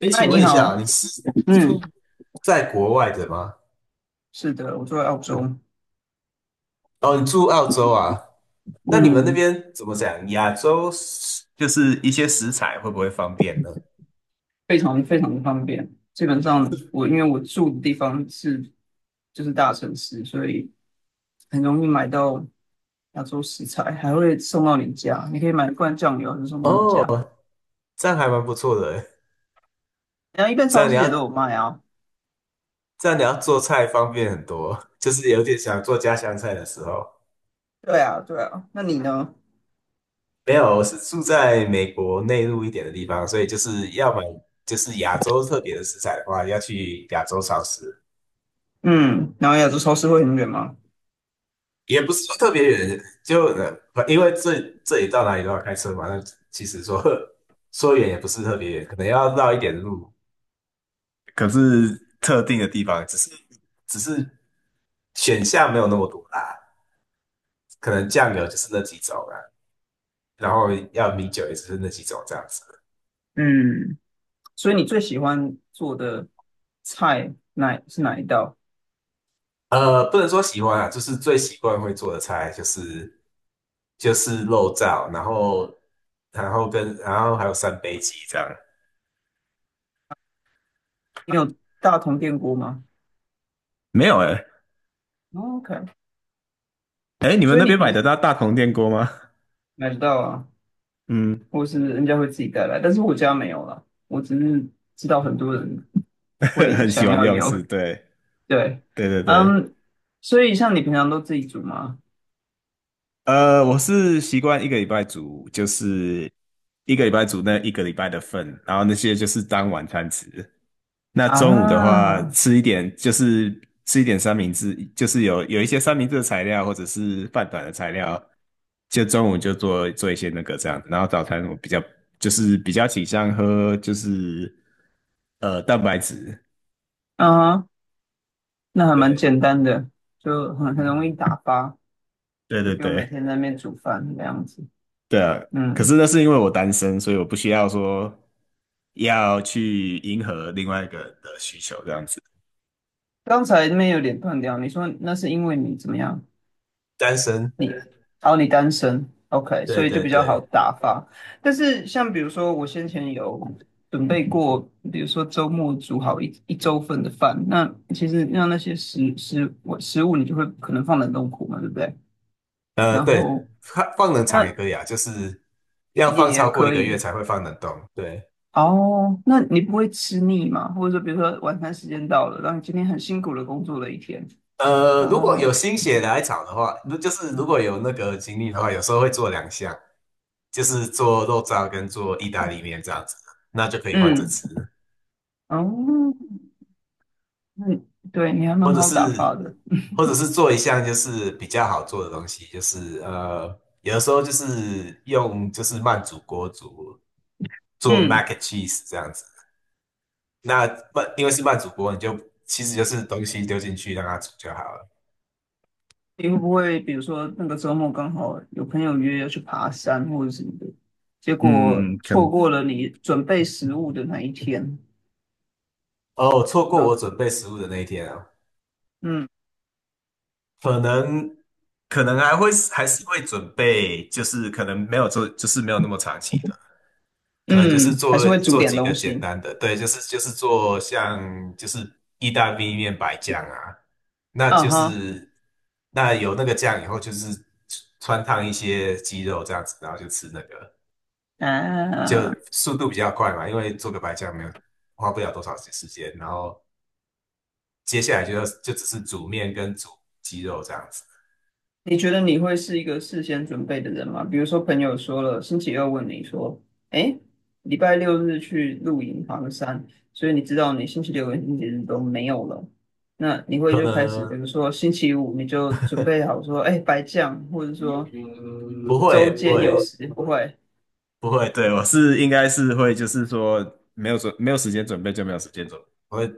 哎，嗨，请你问一好。下啊，你是嗯，住在国外的吗？是的，我住在澳洲。哦，你住澳洲啊？那你们那嗯，边怎么讲？亚洲食就是一些食材会不会方便呢？非常非常的方便。基本上因为我住的地方就是大城市，所以很容易买到亚洲食材，还会送到你家。你可以买一罐酱油，就送到你哦，家。这样还蛮不错的欸。然后一般这超样你市也都要有卖啊。这样你要做菜方便很多，就是有点想做家乡菜的时候。对啊，对啊。那你呢？没有，我是住在美国内陆一点的地方，所以就是要买就是亚洲特别的食材的话，要去亚洲超市。嗯，然后亚洲超市会很远吗？也不是说特别远，就因为这里到哪里都要开车嘛，那其实说 说远也不是特别远，可能要绕一点路，可是特定的地方，只是选项没有那么多啦，可能酱油就是那几种啦，然后要米酒也只是那几种这样子。嗯，所以你最喜欢做的菜是哪一道？不能说喜欢啊，就是最习惯会做的菜就是肉燥，然后然后跟然后还有三杯鸡这样。你有大同电锅吗？没有哎、欸，哦？OK，哎，你们所以那你边买平得时。到大同电锅吗？买不到啊，嗯。或是人家会自己带来，但是我家没有了，我只是知道很多人 会很喜想欢要用有。是，对，对，对对对，嗯，所以像你平常都自己煮吗？我是习惯一个礼拜煮，就是一个礼拜煮那一个礼拜的份，然后那些就是当晚餐吃。那中午的话，啊，吃一点三明治，就是有一些三明治的材料或者是饭团的材料，就中午就做做一些那个这样子然后早餐我比较就是比较倾向喝蛋白质，啊，那还蛮对，简单的，就很容易嗯，打发，对就对不用每对。天在那边煮饭那样子。对啊，可嗯，是那是因为我单身，所以我不需要说要去迎合另外一个人的需求这样子。刚才那边有点断掉，你说那是因为你怎么样？单身，你，哦，你单身，OK，对所以就对比较好对，打发。但是像比如说，我先前有准备过，比如说周末煮好一周份的饭，那其实让那些食物，你就会可能放冷冻库嘛，对不对？然对，后放冷藏也那可以啊，就是要也放也超过一可个月以才会放冷冻。对，哦。那你不会吃腻吗？或者说，比如说晚餐时间到了，然后你今天很辛苦的工作了一天，然如果有后心血来潮的话，就是如果有那个精力的话，有时候会做两项，就是做肉燥跟做意大利面这样子，那就可以换着嗯，吃。哦，嗯，对，你还蛮或者好打发是的。或者是做一项就是比较好做的东西，有的时候就是用慢煮锅煮做 mac 嗯。and cheese 这样子。那因为是慢煮锅，你就其实就是东西丢进去让它煮就好了。你会不会比如说那个周末刚好有朋友约要去爬山或者什么的，结果错过了你准备食物的那一天？哦，错过然我后，准备食物的那一天啊，嗯可能可能还是会准备，就是可能没有做，就是没有那么长期的。可能就是嗯，还做是会煮做点几个东简西。单的，对，就是做像就是意大利面白酱啊，那啊就哈，是那有那个酱以后，就是穿烫一些鸡肉这样子，然后就吃那个，就啊，速度比较快嘛，因为做个白酱没有花不了多少时间，然后接下来就只是煮面跟煮鸡肉这样子，你觉得你会是一个事先准备的人吗？比如说朋友说了，星期二问你说，哎，礼拜六日去露营爬个山，所以你知道你星期六跟星期日都没有了，那你会可就开始，能比如说星期五你就准备好说，哎，白酱，或者说嗯周不间有会，时不会。不会，对，应该是会，就是说没有时间准备就没有时间准备，我会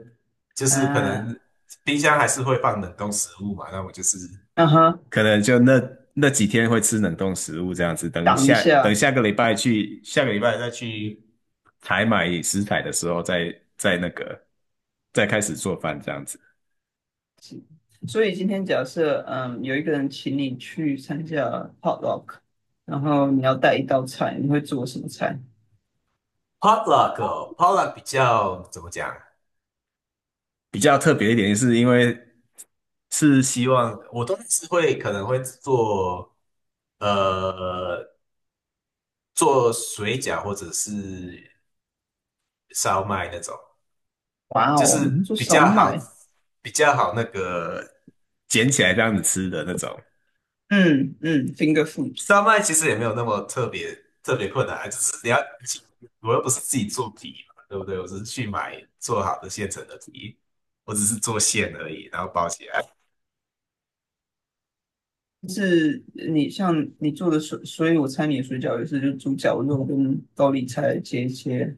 就是可啊，能冰箱还是会放冷冻食物嘛，那我就是嗯哼，可能那几天会吃冷冻食物这样子，挡一等下。下个礼拜去下个礼拜再去采买食材的时候再那个再开始做饭这样子。所以今天假设，有一个人请你去参加 potluck，然后你要带一道菜，你会做什么菜？potluck potluck 比较怎么讲？比较特别一点，是因为是希望我都是会可能会做呃做水饺或者是烧麦那种，哇就哦，是你说比手较好买，比较好那个捡起来这样子吃的那种。嗯嗯，finger food 烧麦其实也没有那么特别困难啊，只是我又不是自己做皮嘛，对不对？我只是去买做好的现成的皮，我只是做馅而已，然后包起来。是你像你做的水，所以我猜你的水饺也是就猪脚肉跟高丽菜切一切，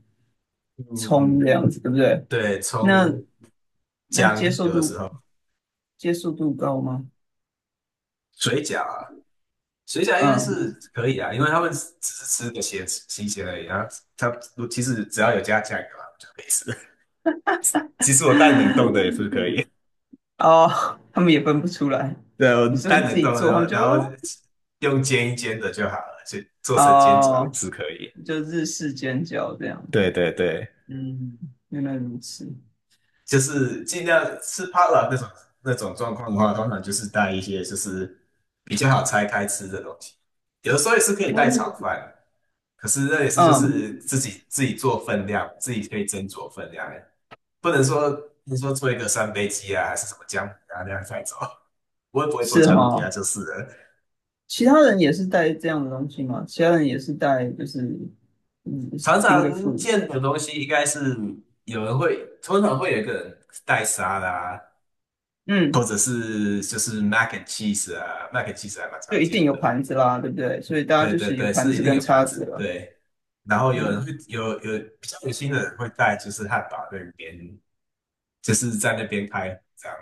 嗯葱嗯，这样子，对不对？对，那葱那接姜受有的时度候接受度高吗？水饺啊。水饺应该嗯，是可以啊，因为他们只是吃个咸新鲜而已然啊。它其实只要有加酱油啊，就可以吃。其实我蛋冷冻的也是可以，哦，他们也分不出来。对，我你说蛋你自冷己冻的，做，然他们后就然哦，后用煎一煎的就好了，就做成煎饺也哦是可以。就日式煎饺这样对子。对对，嗯，原来如此。就是尽量吃怕了那种状况的话，通常就是带一些就是比较好拆开吃的东西。有的时候也是可以带炒饭，可是那也是就嗯，是自己做分量，自己可以斟酌分量，不能说你说做一个三杯鸡啊，还是什么姜母鸭那样带走。我也不会做是姜母鸭哈、就是了。其他人也是带这样的东西嘛？其他人也是带就是嗯 常 finger 常 food，见的东西应该是有人会，通常会有一个人带沙拉。或嗯，者是就是 mac and cheese 啊，mac and cheese 还蛮常就一定见有的。盘子啦，对不对？所以大家对就对是有对，盘是一子定跟有盘叉子。子了。对，然后有人嗯，会有比较有心的人会带，就是汉堡那边，就是在那边拍这样。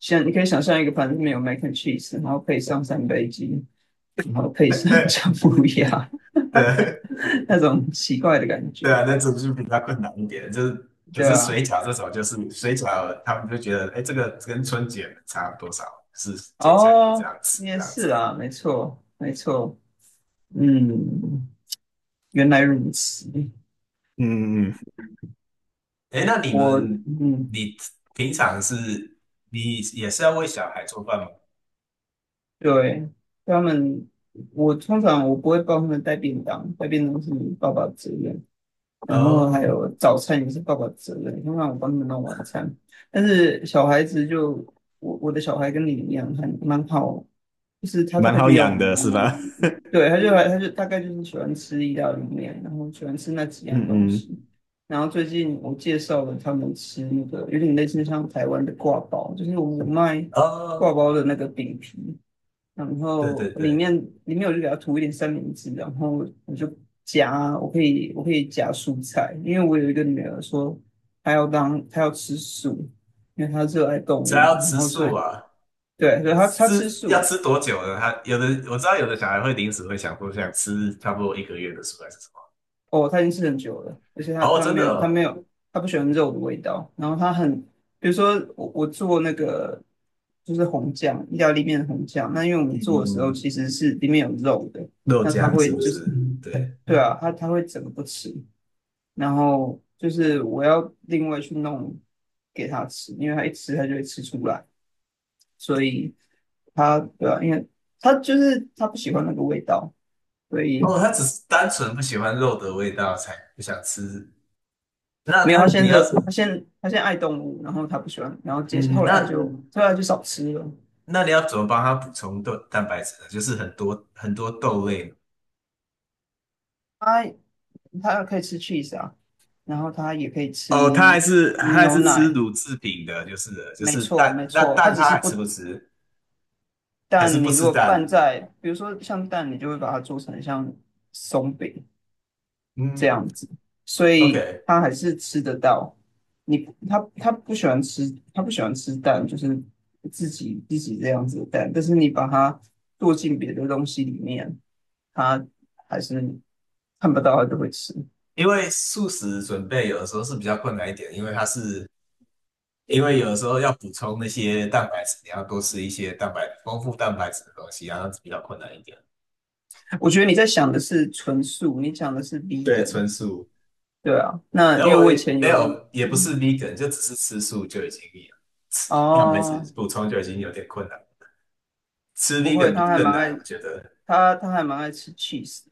像你可以想象一个盘子里面有 mac and cheese，然后配上三杯鸡，然后配上 姜母鸭，对 那种奇怪的感对觉，啊，那种就比较困难一点。可对是啊。水饺这种，就是水饺，他们就觉得，哎，这个跟春卷差多少，是捡起来可以这哦，样吃这也样子。是啊，没错，没错，嗯，原来如此。嗯嗯。哎，那你我们，嗯，你平常是，你也是要为小孩做饭吗？对，他们。我通常不会帮他们带便当，带便当是爸爸的责任，然后还哦，有早餐也是爸爸的责任，通常我帮他们弄晚餐。但是小孩子就我的小孩跟你一样，很蛮好，就是他大蛮概好就要什养么。的是吧？对，他就大概就是喜欢吃意大利面，然后喜欢吃那几嗯样东嗯，西。然后最近我介绍了他们吃那个有点类似像台湾的挂包，就是我们卖哦，挂包的那个饼皮，然对对后里对，面里面我就给它涂一点三明治，然后我就夹，我可以夹蔬菜，因为我有一个女儿说她要吃素，因为她热爱动只物，要然吃后所素以啊，对，所以她吃要素。吃多久呢？他有的我知道，有的小孩会临时会想说想吃差不多一个月的素还是什么？哦，她已经吃很久了，而且她哦，她真没的有她哦，没有她不喜欢肉的味道，然后比如说我做那个就是红酱意大利面的红酱，那因为我们嗯做的时嗯候嗯，其实是里面有肉的，肉那她酱是会不就是是？对，对啊，她会整个不吃。然后就是我要另外去弄给他吃，因为他一吃他就会吃出来，所以他对啊，因为他就是他不喜欢那个味道，所以哦，他只是单纯不喜欢肉的味道才不想吃。那没有他你要，他现他现在爱动物，然后他不喜欢，然后接嗯，后来他就那后来就少吃了。那你要怎么帮他补充蛋白质呢？就是很多很多豆类他他可以吃 cheese 啊，然后他也可以哦，吃他还牛是吃奶，乳制品的，就是了就没是错蛋，没那错，他蛋只他是还不。吃不吃？还是但不你如吃果蛋？拌在，比如说像蛋，你就会把它做成像松饼，这嗯样子，所以，OK，他还是吃得到。你他不喜欢吃，他不喜欢吃蛋，就是自己这样子的蛋。但是你把它剁进别的东西里面，他还是看不到，他就会吃。因为素食准备有的时候是比较困难一点，因为有的时候要补充那些蛋白质，你要多吃一些丰富蛋白质的东西，然后比较困难一点。我觉得你在想的是纯素，你讲的是 对，vegan，纯素，对啊。那然因后为我我以前没有，有也不是 vegan，就只是吃素就已经。蛋白哦，质补充就已经有点困难。吃 v 不 e 会，g 他还更蛮难，爱我觉得。他他还蛮爱吃 cheese。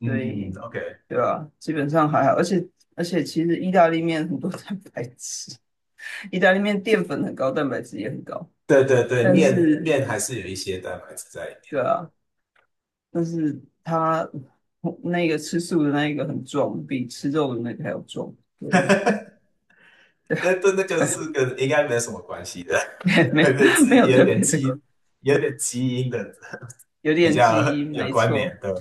嗯对，，OK，对啊，基本上还好，而且其实意大利面很多 蛋白质，意大利面淀粉很高，蛋白质也很高，对对对，但是面还是有一些蛋白质在里面，对啊，但是它那个吃素的那一个很壮，比吃肉的那个还要壮，对 但那个对啊。是跟应该没有什么关系的，没 没对，有没是有特别的，有点基因的有比点较基因，有没关联错的，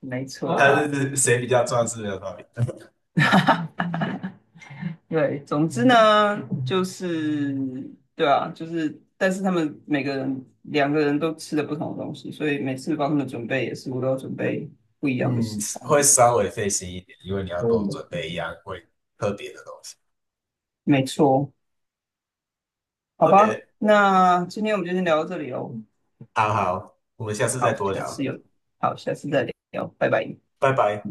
没错，他啊。 是谁比较壮是没有道理的。对，总之呢，就是对啊，就是但是他们每个人两个人都吃的不同的东西，所以每次帮他们准备也是我都要准备不一样的嗯，食材。会稍微费心一点，因为你要多嗯，准备一样会特别的东西。没错，好吧，OK，那今天我们就先聊到这里哦。好好，我们下次再好，多下次聊，有，好，下次再聊，拜拜。拜拜。